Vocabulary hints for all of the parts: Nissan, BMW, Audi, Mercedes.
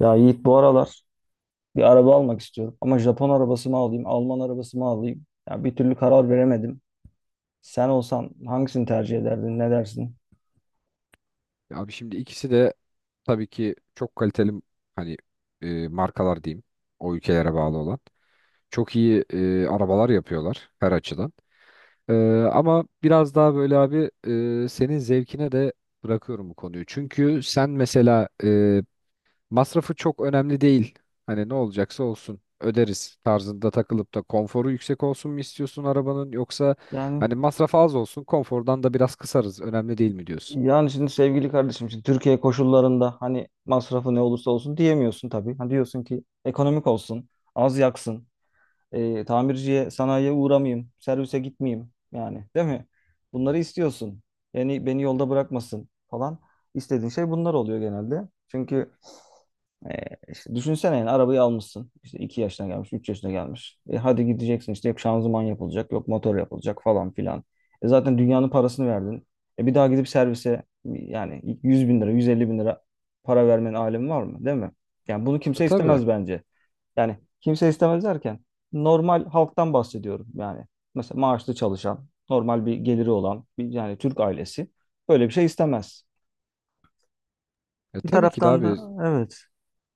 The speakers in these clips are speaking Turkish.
Ya Yiğit bu aralar bir araba almak istiyorum. Ama Japon arabası mı alayım, Alman arabası mı alayım? Ya bir türlü karar veremedim. Sen olsan hangisini tercih ederdin, ne dersin? Ya Abi şimdi ikisi de tabii ki çok kaliteli hani markalar diyeyim o ülkelere bağlı olan. Çok iyi arabalar yapıyorlar her açıdan. E, ama biraz daha böyle abi senin zevkine de bırakıyorum bu konuyu. Çünkü sen mesela masrafı çok önemli değil. Hani ne olacaksa olsun öderiz tarzında takılıp da konforu yüksek olsun mu istiyorsun arabanın yoksa Yani hani masrafı az olsun konfordan da biraz kısarız önemli değil mi diyorsun? yani şimdi sevgili kardeşim şimdi Türkiye koşullarında hani masrafı ne olursa olsun diyemiyorsun tabii. Hani diyorsun ki ekonomik olsun, az yaksın, tamirciye, sanayiye uğramayayım, servise gitmeyeyim yani değil mi? Bunları istiyorsun. Yani beni yolda bırakmasın falan. İstediğin şey bunlar oluyor genelde. Çünkü işte düşünsene yani arabayı almışsın. İşte 2 yaşına gelmiş, 3 yaşına gelmiş. Hadi gideceksin işte yok şanzıman yapılacak, yok motor yapılacak falan filan. Zaten dünyanın parasını verdin. Bir daha gidip servise yani 100 bin lira, 150 bin lira para vermenin alemi var mı? Değil mi? Yani bunu E kimse tabii. istemez bence. Yani kimse istemez derken normal halktan bahsediyorum yani. Mesela maaşlı çalışan, normal bir geliri olan bir yani Türk ailesi böyle bir şey istemez. E Bir tabii ki de taraftan da abi. evet.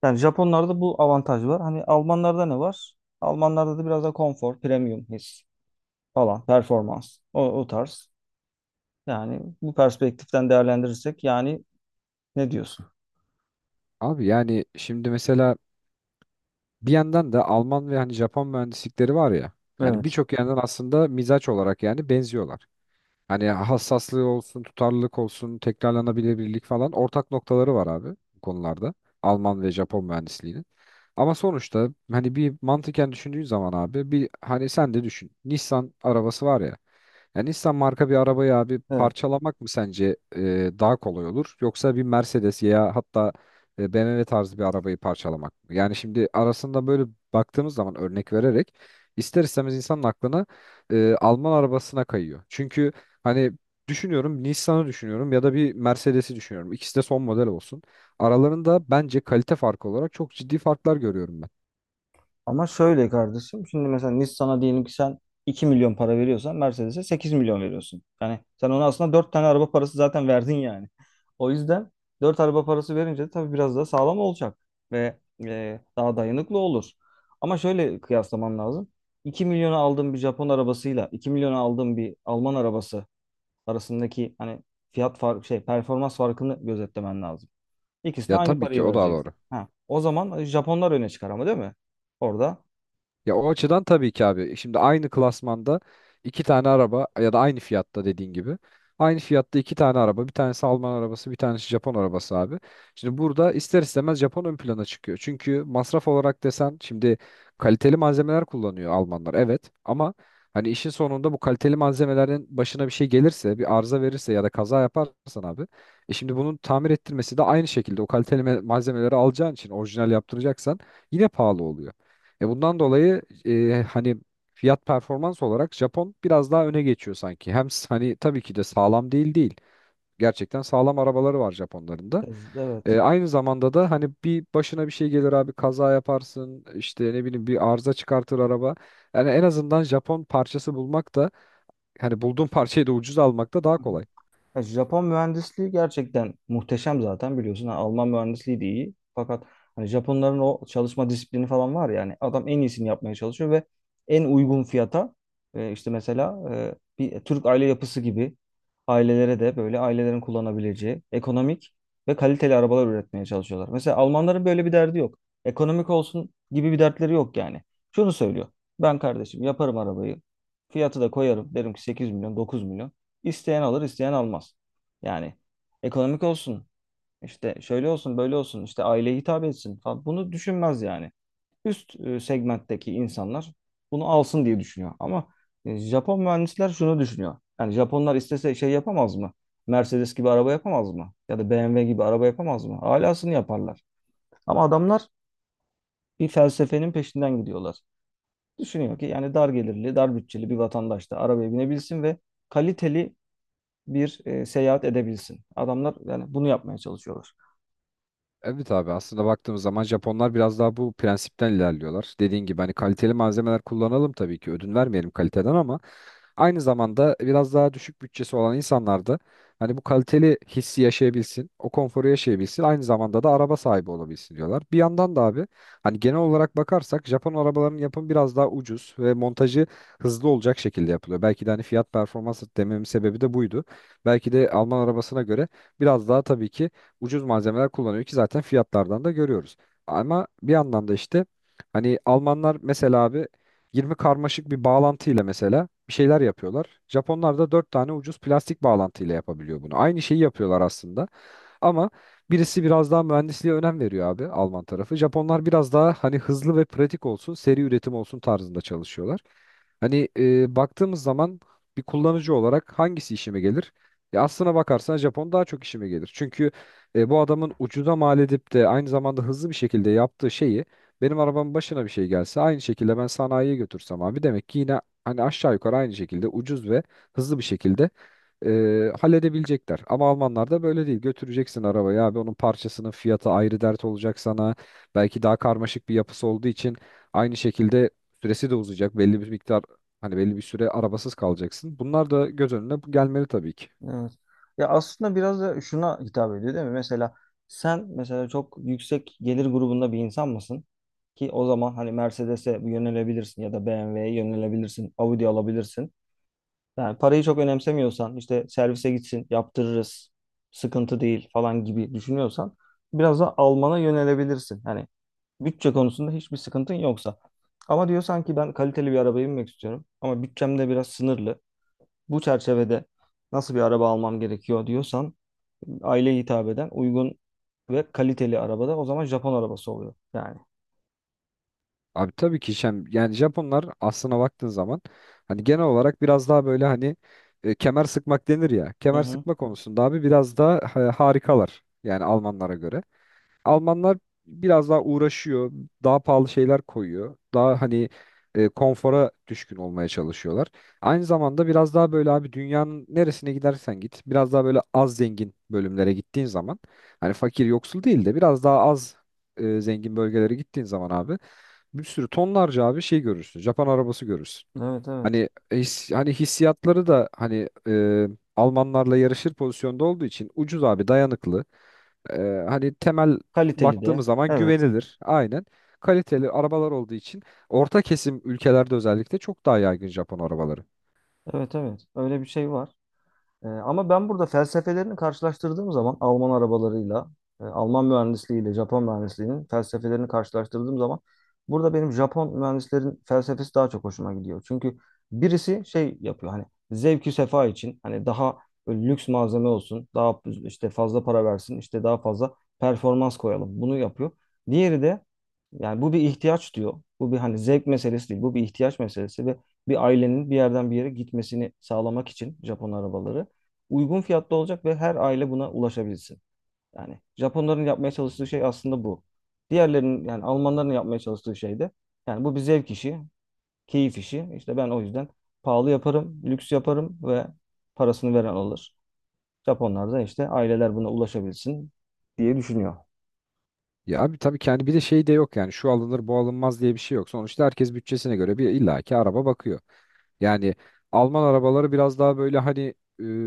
Yani Japonlarda bu avantaj var. Hani Almanlarda ne var? Almanlarda da biraz da konfor, premium his falan, performans. O, o tarz. Yani bu perspektiften değerlendirirsek yani ne diyorsun? Abi yani şimdi mesela bir yandan da Alman ve hani Japon mühendislikleri var ya. Yani Evet. birçok yandan aslında mizaç olarak yani benziyorlar. Hani hassaslığı olsun, tutarlılık olsun, tekrarlanabilirlik falan ortak noktaları var abi bu konularda. Alman ve Japon mühendisliğinin. Ama sonuçta hani bir mantıken düşündüğün zaman abi bir hani sen de düşün. Nissan arabası var ya. Yani Nissan marka bir arabayı abi Evet. parçalamak mı sence daha kolay olur? Yoksa bir Mercedes ya hatta BMW tarzı bir arabayı parçalamak mı? Yani şimdi arasında böyle baktığımız zaman örnek vererek ister istemez insanın aklına Alman arabasına kayıyor. Çünkü hani düşünüyorum Nissan'ı düşünüyorum ya da bir Mercedes'i düşünüyorum. İkisi de son model olsun. Aralarında bence kalite farkı olarak çok ciddi farklar görüyorum ben. Ama şöyle kardeşim şimdi mesela Nissan'a diyelim ki sen 2 milyon para veriyorsan Mercedes'e 8 milyon veriyorsun. Yani sen ona aslında 4 tane araba parası zaten verdin yani. O yüzden 4 araba parası verince de tabii biraz daha sağlam olacak ve daha dayanıklı olur. Ama şöyle kıyaslaman lazım. İki milyona aldığın bir Japon arabasıyla 2 milyona aldığın bir Alman arabası arasındaki hani fiyat fark şey performans farkını gözetlemen lazım. İkisine Ya aynı tabii ki parayı o da vereceksin. doğru. Ha, o zaman Japonlar öne çıkar ama değil mi? Orada. Ya o açıdan tabii ki abi. Şimdi aynı klasmanda iki tane araba ya da aynı fiyatta dediğin gibi. Aynı fiyatta iki tane araba. Bir tanesi Alman arabası, bir tanesi Japon arabası abi. Şimdi burada ister istemez Japon ön plana çıkıyor. Çünkü masraf olarak desen şimdi kaliteli malzemeler kullanıyor Almanlar. Evet ama hani işin sonunda bu kaliteli malzemelerin başına bir şey gelirse, bir arıza verirse ya da kaza yaparsan abi. Şimdi bunun tamir ettirmesi de aynı şekilde o kaliteli malzemeleri alacağın için orijinal yaptıracaksan yine pahalı oluyor. Bundan dolayı hani fiyat performans olarak Japon biraz daha öne geçiyor sanki. Hem hani tabii ki de sağlam değil değil. Gerçekten sağlam arabaları var Japonların da. Evet. Aynı zamanda da hani bir başına bir şey gelir abi kaza yaparsın işte ne bileyim bir arıza çıkartır araba. Yani en azından Japon parçası bulmak da hani bulduğun parçayı da ucuz almak da daha Hı hı. kolay. Ya Japon mühendisliği gerçekten muhteşem zaten biliyorsun. Ha, Alman mühendisliği de iyi. Fakat hani Japonların o çalışma disiplini falan var yani. Adam en iyisini yapmaya çalışıyor ve en uygun fiyata işte mesela bir Türk aile yapısı gibi ailelere de böyle ailelerin kullanabileceği ekonomik ve kaliteli arabalar üretmeye çalışıyorlar. Mesela Almanların böyle bir derdi yok. Ekonomik olsun gibi bir dertleri yok yani. Şunu söylüyor. Ben kardeşim yaparım arabayı. Fiyatı da koyarım. Derim ki 8 milyon, 9 milyon. İsteyen alır, isteyen almaz. Yani ekonomik olsun, işte şöyle olsun, böyle olsun, işte aileye hitap etsin falan. Bunu düşünmez yani. Üst segmentteki insanlar bunu alsın diye düşünüyor. Ama Japon mühendisler şunu düşünüyor. Yani Japonlar istese şey yapamaz mı? Mercedes gibi araba yapamaz mı? Ya da BMW gibi araba yapamaz mı? Alasını yaparlar. Ama adamlar bir felsefenin peşinden gidiyorlar. Düşünüyor ki yani dar gelirli, dar bütçeli bir vatandaş da arabaya binebilsin ve kaliteli bir seyahat edebilsin. Adamlar yani bunu yapmaya çalışıyorlar. Evet abi aslında baktığımız zaman Japonlar biraz daha bu prensipten ilerliyorlar. Dediğin gibi hani kaliteli malzemeler kullanalım tabii ki ödün vermeyelim kaliteden ama aynı zamanda biraz daha düşük bütçesi olan insanlar da hani bu kaliteli hissi yaşayabilsin, o konforu yaşayabilsin, aynı zamanda da araba sahibi olabilsin diyorlar. Bir yandan da abi hani genel olarak bakarsak Japon arabalarının yapımı biraz daha ucuz ve montajı hızlı olacak şekilde yapılıyor. Belki de hani fiyat performans dememin sebebi de buydu. Belki de Alman arabasına göre biraz daha tabii ki ucuz malzemeler kullanıyor ki zaten fiyatlardan da görüyoruz. Ama bir yandan da işte hani Almanlar mesela abi 20 karmaşık bir bağlantıyla mesela bir şeyler yapıyorlar. Japonlar da 4 tane ucuz plastik bağlantıyla yapabiliyor bunu. Aynı şeyi yapıyorlar aslında. Ama birisi biraz daha mühendisliğe önem veriyor abi Alman tarafı. Japonlar biraz daha hani hızlı ve pratik olsun, seri üretim olsun tarzında çalışıyorlar. Hani baktığımız zaman bir kullanıcı olarak hangisi işime gelir? Aslına bakarsan Japon daha çok işime gelir. Çünkü bu adamın ucuza mal edip de aynı zamanda hızlı bir şekilde yaptığı şeyi benim arabamın başına bir şey gelse aynı şekilde ben sanayiye götürsem abi demek ki yine hani aşağı yukarı aynı şekilde ucuz ve hızlı bir şekilde halledebilecekler. Ama Almanlar da böyle değil. Götüreceksin arabayı abi onun parçasının fiyatı ayrı dert olacak sana. Belki daha karmaşık bir yapısı olduğu için aynı şekilde süresi de uzayacak. Belli bir miktar hani belli bir süre arabasız kalacaksın. Bunlar da göz önüne gelmeli tabii ki. Evet. Ya aslında biraz da şuna hitap ediyor değil mi? Mesela sen çok yüksek gelir grubunda bir insan mısın? Ki o zaman hani Mercedes'e yönelebilirsin ya da BMW'ye yönelebilirsin, Audi alabilirsin. Yani parayı çok önemsemiyorsan işte servise gitsin, yaptırırız, sıkıntı değil falan gibi düşünüyorsan biraz da Alman'a yönelebilirsin. Hani bütçe konusunda hiçbir sıkıntın yoksa. Ama diyor sanki ben kaliteli bir arabaya binmek istiyorum ama bütçem de biraz sınırlı. Bu çerçevede nasıl bir araba almam gerekiyor diyorsan aileye hitap eden uygun ve kaliteli arabada o zaman Japon arabası oluyor yani. Abi tabii ki yani Japonlar aslına baktığın zaman hani genel olarak biraz daha böyle hani kemer sıkmak denir ya. Hı Kemer hı. sıkma konusunda abi biraz daha harikalar yani Almanlara göre. Almanlar biraz daha uğraşıyor, daha pahalı şeyler koyuyor. Daha hani konfora düşkün olmaya çalışıyorlar. Aynı zamanda biraz daha böyle abi dünyanın neresine gidersen git, biraz daha böyle az zengin bölümlere gittiğin zaman hani fakir yoksul değil de biraz daha az zengin bölgelere gittiğin zaman abi bir sürü tonlarca abi şey görürsün. Japon arabası görürsün. Evet, evet. Hani hani hissiyatları da hani Almanlarla yarışır pozisyonda olduğu için ucuz abi dayanıklı. E, hani temel Kaliteli baktığımız de. zaman Evet. güvenilir. Aynen. Kaliteli arabalar olduğu için orta kesim ülkelerde özellikle çok daha yaygın Japon arabaları. Evet, evet. Öyle bir şey var. Ama ben burada felsefelerini karşılaştırdığım zaman Alman arabalarıyla, Alman mühendisliğiyle Japon mühendisliğinin felsefelerini karşılaştırdığım zaman burada benim Japon mühendislerin felsefesi daha çok hoşuma gidiyor. Çünkü birisi şey yapıyor hani zevki sefa için hani daha böyle lüks malzeme olsun, daha işte fazla para versin, işte daha fazla performans koyalım. Bunu yapıyor. Diğeri de yani bu bir ihtiyaç diyor. Bu bir hani zevk meselesi değil. Bu bir ihtiyaç meselesi ve bir ailenin bir yerden bir yere gitmesini sağlamak için Japon arabaları uygun fiyatta olacak ve her aile buna ulaşabilsin. Yani Japonların yapmaya çalıştığı şey aslında bu. Diğerlerinin yani Almanların yapmaya çalıştığı şey de yani bu bir zevk işi, keyif işi. İşte ben o yüzden pahalı yaparım, lüks yaparım ve parasını veren alır. Japonlar da işte aileler buna ulaşabilsin diye düşünüyor. Ya abi tabii ki hani bir de şey de yok yani şu alınır bu alınmaz diye bir şey yok. Sonuçta herkes bütçesine göre bir illaki araba bakıyor. Yani Alman arabaları biraz daha böyle hani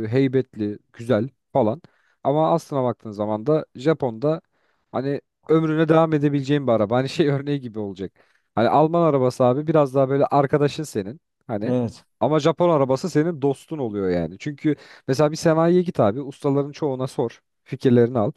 heybetli, güzel falan. Ama aslına baktığın zaman da Japon'da hani ömrüne devam edebileceğin bir araba. Hani şey örneği gibi olacak. Hani Alman arabası abi biraz daha böyle arkadaşın senin. Hani Evet. ama Japon arabası senin dostun oluyor yani. Çünkü mesela bir sanayiye git abi ustaların çoğuna sor. Fikirlerini al.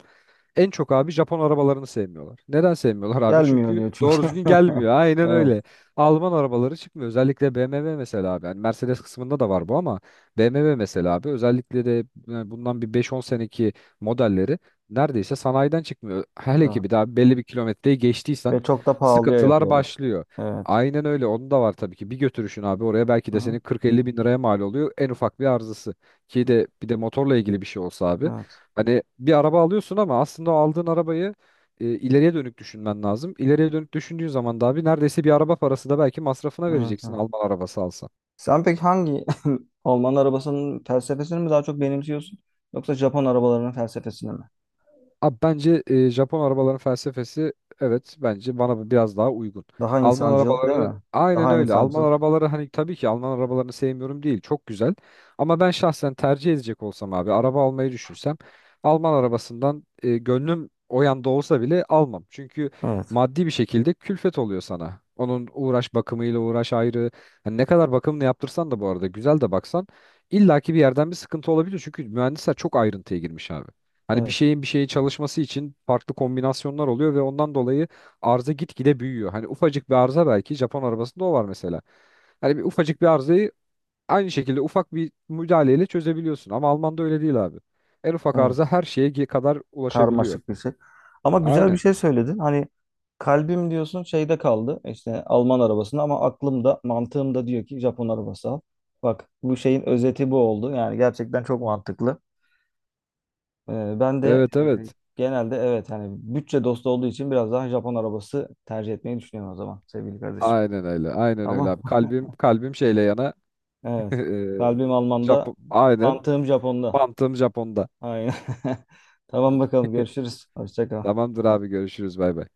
En çok abi Japon arabalarını sevmiyorlar. Neden sevmiyorlar abi? Gelmiyor Çünkü diyor çünkü. doğru düzgün gelmiyor. Aynen Evet, öyle. Alman arabaları çıkmıyor. Özellikle BMW mesela abi. Yani Mercedes kısmında da var bu ama BMW mesela abi özellikle de yani bundan bir beş on seneki modelleri neredeyse sanayiden çıkmıyor. Hele ki bir evet. daha belli bir kilometreyi geçtiysen Ve çok da pahalıya sıkıntılar yapıyorlar. başlıyor. Evet. Aynen öyle. Onun da var tabii ki. Bir götürüşün abi oraya belki Hı de hı. senin 40-50 bin liraya mal oluyor. En ufak bir arızası. Ki de bir de motorla ilgili bir şey olsa abi. Evet. Hani bir araba alıyorsun ama aslında o aldığın arabayı ileriye dönük düşünmen lazım. İleriye dönük düşündüğün zaman da abi neredeyse bir araba parası da belki masrafına Evet, vereceksin evet. Alman arabası alsan. Sen peki hangi Alman arabasının felsefesini mi daha çok benimsiyorsun yoksa Japon arabalarının felsefesini mi? Abi bence Japon arabaların felsefesi evet bence bana biraz daha uygun. Daha Alman insancıl, değil arabaları mi? aynen Daha öyle. Alman insancıl. arabaları hani tabii ki Alman arabalarını sevmiyorum değil. Çok güzel. Ama ben şahsen tercih edecek olsam abi araba almayı düşünsem Alman arabasından gönlüm o yanda olsa bile almam. Çünkü Evet, maddi bir şekilde külfet oluyor sana. Onun uğraş bakımıyla uğraş ayrı. Hani ne kadar bakımını yaptırsan da bu arada güzel de baksan illaki bir yerden bir sıkıntı olabilir. Çünkü mühendisler çok ayrıntıya girmiş abi. Hani bir evet, şeyin bir şeye çalışması için farklı kombinasyonlar oluyor ve ondan dolayı arıza gitgide büyüyor. Hani ufacık bir arıza belki Japon arabasında o var mesela. Hani bir ufacık bir arızayı aynı şekilde ufak bir müdahaleyle çözebiliyorsun ama Alman'da öyle değil abi. En ufak arıza evet. her şeye kadar ulaşabiliyor. Karmaşık bir şey. Ama güzel bir Aynen. şey söyledin. Hani kalbim diyorsun şeyde kaldı, işte Alman arabasında, ama aklım da mantığım da diyor ki Japon arabası al. Bak bu şeyin özeti bu oldu. Yani gerçekten çok mantıklı. Ben de Evet evet. genelde evet hani bütçe dostu olduğu için biraz daha Japon arabası tercih etmeyi düşünüyorum o zaman sevgili kardeşim. Aynen öyle. Aynen öyle Tamam. abi. Kalbim kalbim şeyle yana. Evet. Eee, Kalbim Alman'da, Japon. Aynen. mantığım Japon'da. Mantığım Japon'da. Aynen. Tamam bakalım görüşürüz. Hoşça kal. Tamamdır abi görüşürüz bay bay.